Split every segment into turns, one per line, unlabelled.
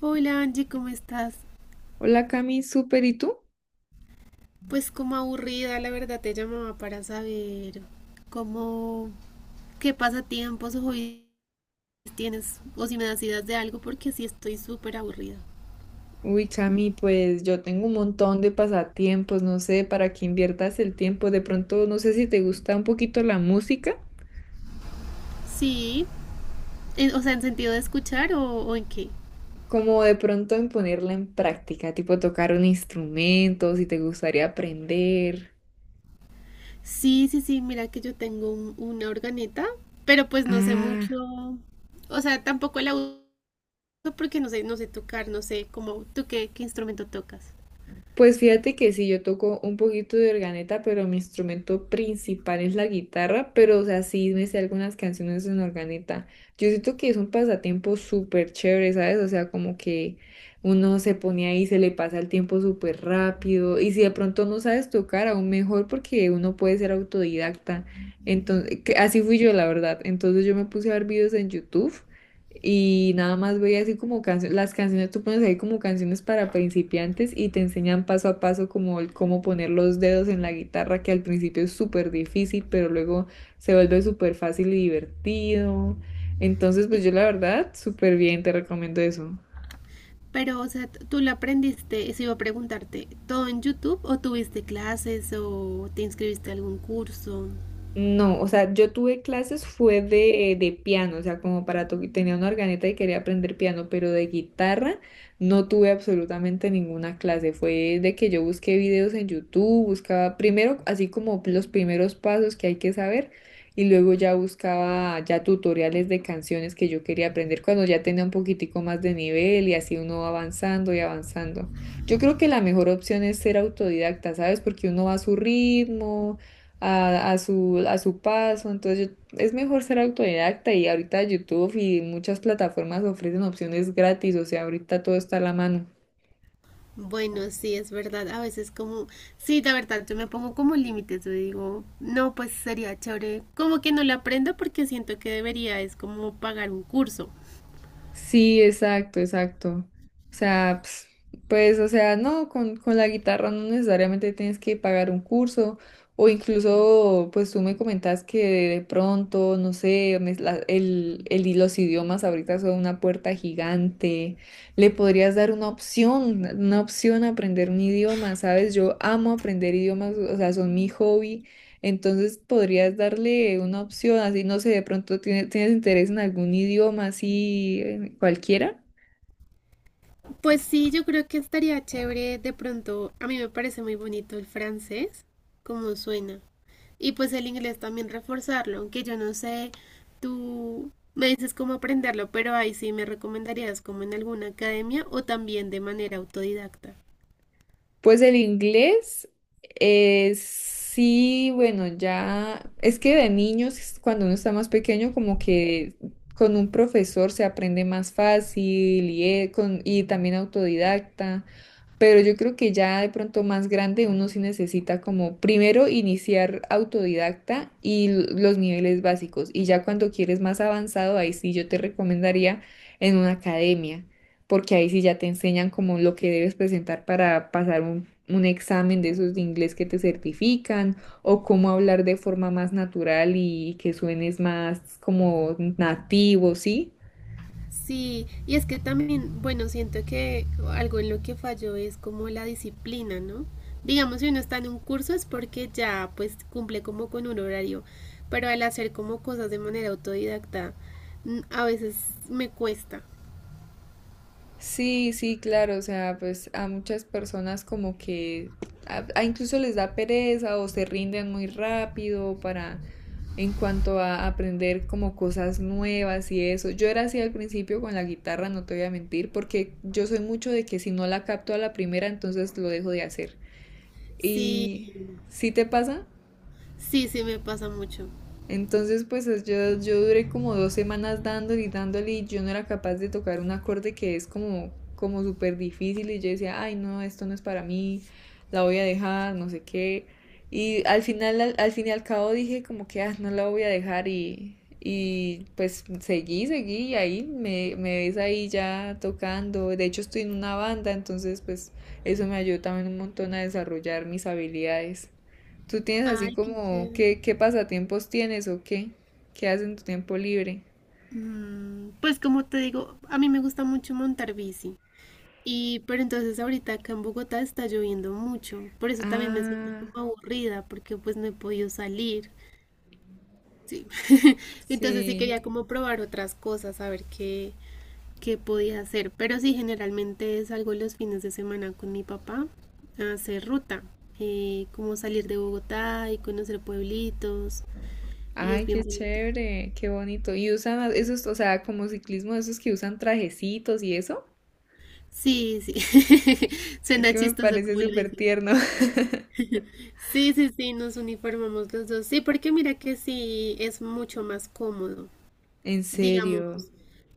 Hola Angie, ¿cómo estás?
Hola Cami, súper, ¿y tú?
Pues como aburrida, la verdad te llamaba para saber cómo, qué pasatiempos o hobbies tienes o si me das ideas de algo porque sí estoy súper aburrida.
Uy, Cami, pues yo tengo un montón de pasatiempos, no sé para qué inviertas el tiempo. De pronto, no sé si te gusta un poquito la música,
Sí, o sea, en sentido de escuchar o en qué.
como de pronto en ponerla en práctica, tipo tocar un instrumento, si te gustaría aprender.
Sí, sí, sí, mira que yo tengo una organeta, pero pues no sé mucho,
Ah.
o sea, tampoco la uso porque no sé, no sé tocar, no sé cómo, ¿tú qué instrumento tocas?
Pues fíjate que sí, yo toco un poquito de organeta, pero mi instrumento principal es la guitarra, pero o sea, sí me sé algunas canciones en organeta. Yo siento que es un pasatiempo súper chévere, ¿sabes? O sea, como que uno se pone ahí, se le pasa el tiempo súper rápido, y si de pronto no sabes tocar, aún mejor porque uno puede ser autodidacta. Entonces, así fui yo, la verdad. Entonces yo me puse a ver videos en YouTube y nada más veía así como canciones, las canciones tú pones ahí como canciones para principiantes y te enseñan paso a paso como el cómo poner los dedos en la guitarra, que al principio es súper difícil, pero luego se vuelve súper fácil y divertido. Entonces, pues yo la verdad, súper bien, te recomiendo eso.
Pero, o sea, tú lo aprendiste, eso iba a preguntarte, ¿todo en YouTube o tuviste clases o te inscribiste a algún curso?
No, o sea, yo tuve clases fue de piano, o sea, como para tocar, tenía una organeta y quería aprender piano, pero de guitarra no tuve absolutamente ninguna clase. Fue de que yo busqué videos en YouTube, buscaba primero así como los primeros pasos que hay que saber y luego ya buscaba ya tutoriales de canciones que yo quería aprender cuando ya tenía un poquitico más de nivel y así uno va avanzando y avanzando. Yo creo que la mejor opción es ser autodidacta, ¿sabes? Porque uno va a su ritmo a su paso. Entonces es mejor ser autodidacta y ahorita YouTube y muchas plataformas ofrecen opciones gratis, o sea, ahorita todo está a la mano.
Bueno, sí, es verdad, a veces como, sí, la verdad, yo me pongo como límites, yo digo, no, pues sería chévere, como que no lo aprendo porque siento que debería, es como pagar un curso.
Sí, exacto, exacto. O sea, pues, o sea, no, con la guitarra no necesariamente tienes que pagar un curso o incluso, pues tú me comentas que de pronto, no sé, los idiomas ahorita son una puerta gigante. Le podrías dar una opción a aprender un idioma, ¿sabes? Yo amo aprender idiomas, o sea, son mi hobby. Entonces podrías darle una opción, así no sé, de pronto tienes interés en algún idioma así cualquiera.
Pues sí, yo creo que estaría chévere de pronto, a mí me parece muy bonito el francés, como suena. Y pues el inglés también reforzarlo, aunque yo no sé, tú me dices cómo aprenderlo, pero ahí sí me recomendarías como en alguna academia o también de manera autodidacta.
Pues el inglés, sí, bueno, ya es que de niños, es cuando uno está más pequeño, como que con un profesor se aprende más fácil y también autodidacta. Pero yo creo que ya de pronto más grande uno sí necesita como primero iniciar autodidacta y los niveles básicos. Y ya cuando quieres más avanzado, ahí sí yo te recomendaría en una academia, porque ahí sí ya te enseñan como lo que debes presentar para pasar un examen de esos de inglés que te certifican o cómo hablar de forma más natural y que suenes más como nativo, ¿sí?
Sí, y es que también, bueno, siento que algo en lo que falló es como la disciplina, ¿no? Digamos, si uno está en un curso es porque ya pues cumple como con un horario, pero al hacer como cosas de manera autodidacta, a veces me cuesta.
Sí, sí, claro, o sea, pues a muchas personas como que a incluso les da pereza o se rinden muy rápido para en cuanto a aprender como cosas nuevas y eso. Yo era así al principio con la guitarra, no te voy a mentir, porque yo soy mucho de que si no la capto a la primera, entonces lo dejo de hacer.
Sí,
¿Y si te pasa?
sí, sí me pasa mucho.
Entonces, pues yo duré como 2 semanas dándole y dándole y yo no era capaz de tocar un acorde que es como súper difícil y yo decía, ay no, esto no es para mí, la voy a dejar, no sé qué. Y al final, al fin y al cabo dije como que, ah, no la voy a dejar y pues seguí, seguí y ahí me ves ahí ya tocando. De hecho, estoy en una banda, entonces pues eso me ayudó también un montón a desarrollar mis habilidades. ¿Tú tienes así
Ay, qué
como
chévere.
qué pasatiempos tienes o qué? ¿Qué haces en tu tiempo libre?
Pues como te digo, a mí me gusta mucho montar bici. Y pero entonces ahorita acá en Bogotá está lloviendo mucho, por eso también me siento
Ah,
como aburrida porque pues no he podido salir. Sí. Entonces sí
sí.
quería como probar otras cosas, a ver qué podía hacer, pero sí generalmente salgo los fines de semana con mi papá a hacer ruta, como salir de Bogotá y conocer pueblitos y es
Ay,
bien
qué
bonito.
chévere, qué bonito. Y usan esos, o sea, como ciclismo, esos que usan trajecitos y eso.
Sí, sí.
Es
Suena
que me
chistoso
parece
como lo
súper
dices.
tierno.
Sí, sí, sí, nos uniformamos los dos. Sí, porque mira que sí es mucho más cómodo.
En
Digamos,
serio.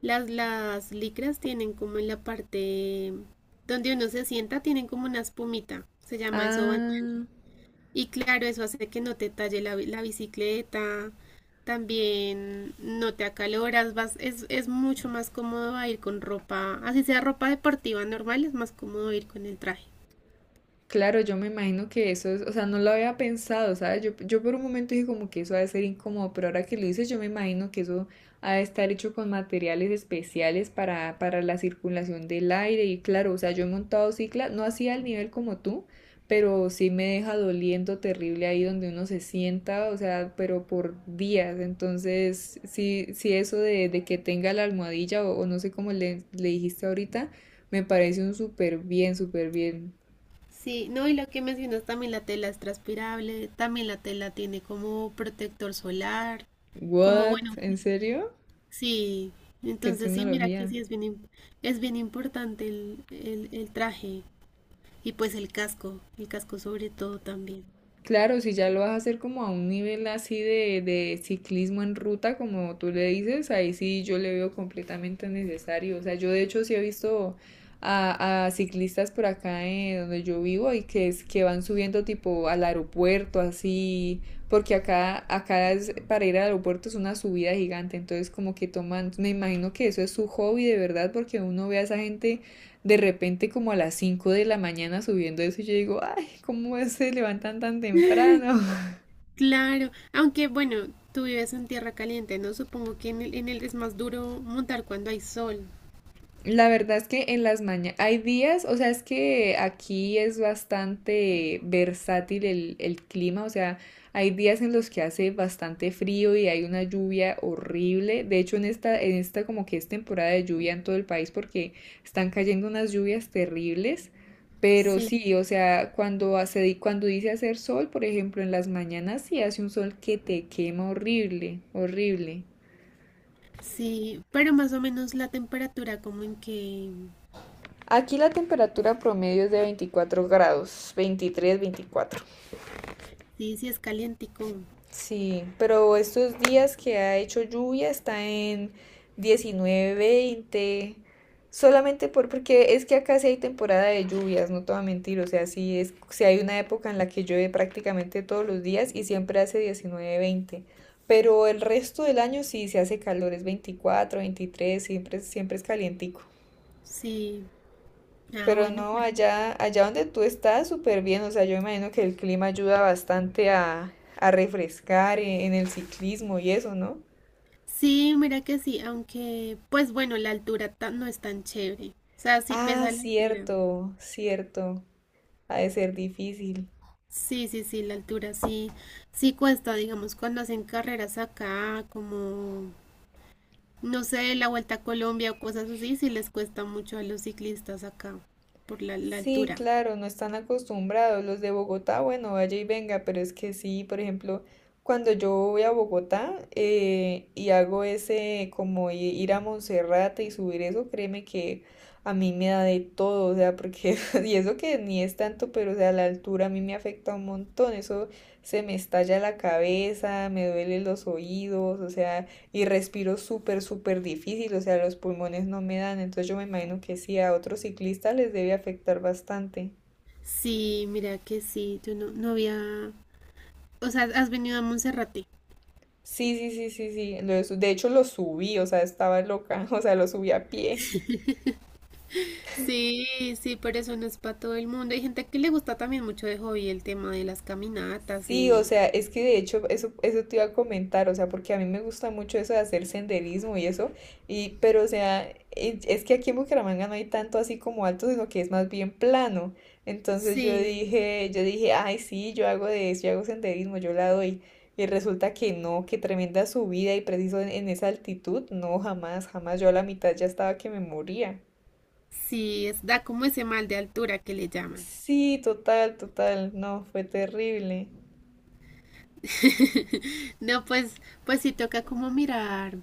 las licras tienen como en la parte donde uno se sienta, tienen como una espumita, se llama eso. Bandana.
Ah,
Y claro, eso hace que no te talle la bicicleta, también no te acaloras, vas, es mucho más cómodo a ir con ropa, así sea ropa deportiva normal, es más cómodo ir con el traje.
claro, yo me imagino que eso es, o sea, no lo había pensado, ¿sabes? Yo por un momento dije como que eso ha de ser incómodo, pero ahora que lo dices, yo me imagino que eso ha de estar hecho con materiales especiales para la circulación del aire y claro, o sea, yo he montado cicla, no así al nivel como tú, pero sí me deja doliendo terrible ahí donde uno se sienta, o sea, pero por días, entonces, sí, sí eso de que tenga la almohadilla o no sé cómo le dijiste ahorita, me parece un súper bien, súper bien.
Sí, no, y lo que mencionas también la tela es transpirable, también la tela tiene como protector solar, como bueno,
What? ¿En
sí,
serio?
sí.
¿Qué
Entonces sí, mira que
tecnología?
sí es es bien importante el traje y pues el casco sobre todo también.
Claro, si ya lo vas a hacer como a un nivel así de ciclismo en ruta, como tú le dices, ahí sí yo le veo completamente necesario. O sea, yo de hecho sí he visto a ciclistas por acá donde yo vivo y que es que van subiendo tipo al aeropuerto, así, porque acá para ir al aeropuerto es una subida gigante, entonces como que toman, me imagino que eso es su hobby de verdad, porque uno ve a esa gente de repente como a las 5 de la mañana subiendo eso y yo digo, ¿cómo se levantan tan temprano?
Claro, aunque bueno, tú vives en tierra caliente, ¿no? Supongo que en el es más duro montar cuando hay sol.
La verdad es que en las mañanas hay días, o sea, es que aquí es bastante versátil el clima, o sea, hay días en los que hace bastante frío y hay una lluvia horrible. De hecho, en esta como que es temporada de lluvia en todo el país porque están cayendo unas lluvias terribles. Pero
Sí,
sí, o sea, cuando dice hacer sol, por ejemplo, en las mañanas sí hace un sol que te quema horrible, horrible.
sí, pero más o menos la temperatura como en que,
Aquí la temperatura promedio es de 24 grados, 23, 24.
sí, sí es calientico,
Sí, pero estos días que ha hecho lluvia está en 19, 20. Solamente porque es que acá sí hay temporada de lluvias, no te voy a mentir. O sea, sí, es, sí hay una época en la que llueve prácticamente todos los días y siempre hace 19, 20. Pero el resto del año sí se hace calor, es 24, 23, siempre, siempre es calientico.
sí. Ah,
Pero
bueno,
no,
pero
allá, allá donde tú estás, súper bien. O sea, yo me imagino que el clima ayuda bastante a refrescar en el ciclismo y eso, ¿no?
sí, mira que sí, aunque, pues bueno, no es tan chévere. O sea, sí
Ah,
pesa la altura.
cierto, cierto. Ha de ser difícil.
Sí, sí, sí, la altura sí, sí cuesta, digamos, cuando hacen carreras acá, como, no sé, la Vuelta a Colombia o cosas así, sí les cuesta mucho a los ciclistas acá, por la
Sí,
altura.
claro, no están acostumbrados. Los de Bogotá, bueno, vaya y venga, pero es que sí, por ejemplo, cuando yo voy a Bogotá y hago ese como ir a Monserrate y subir eso, créeme que a mí me da de todo, o sea, porque, y eso que ni es tanto, pero o sea, la altura a mí me afecta un montón, eso se me estalla la cabeza, me duelen los oídos, o sea y respiro súper, súper difícil, o sea, los pulmones no me dan, entonces yo me imagino que sí, a otros ciclistas les debe afectar bastante.
Sí, mira que sí, yo no había, o sea, has venido a Monserrate.
Sí, sí, sí, sí, sí, lo de de hecho lo subí, o sea, estaba loca, o sea, lo subí a pie.
Sí, sí, pero eso no es para todo el mundo. Hay gente que le gusta también mucho de hobby el tema de las caminatas
Sí, o
y...
sea, es que de hecho eso te iba a comentar, o sea, porque a mí me gusta mucho eso de hacer senderismo y eso, pero o sea, es que aquí en Bucaramanga no hay tanto así como alto, sino que es más bien plano. Entonces
Sí,
yo dije, ay, sí, yo hago de eso, yo hago senderismo, yo la doy. Y resulta que no, que tremenda subida y preciso en esa altitud, no, jamás, jamás, yo a la mitad ya estaba que me moría.
sí, es, da como ese mal de altura que le llaman.
Sí, total, total, no, fue terrible.
No, pues, pues sí toca como mirar,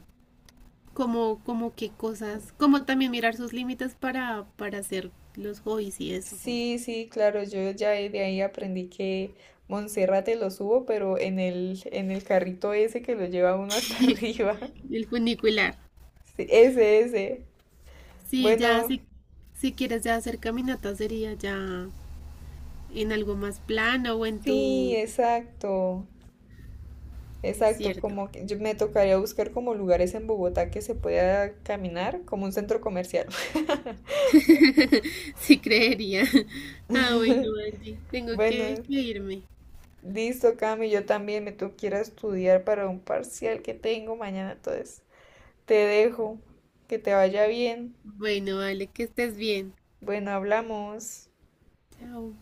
como, como qué cosas, como también mirar sus límites para hacer los hobbies y eso.
Sí, sí, claro, yo ya de ahí aprendí que Monserrate lo subo, pero en el carrito ese que lo lleva uno hasta arriba.
El funicular.
Sí, ese, ese.
Sí, ya,
Bueno,
si, si quieres ya hacer caminatas sería ya en algo más plano o en
sí,
tu...
exacto,
Es
exacto,
cierto.
como que yo me tocaría buscar como lugares en Bogotá que se pueda caminar, como un centro comercial.
Sí, creería. Ah, bueno, Angie, tengo que,
Bueno,
que irme.
listo, Cami, yo también me tengo que ir a estudiar para un parcial que tengo mañana, entonces te dejo, que te vaya bien.
Bueno, vale, que estés bien.
Bueno, hablamos.
Chao.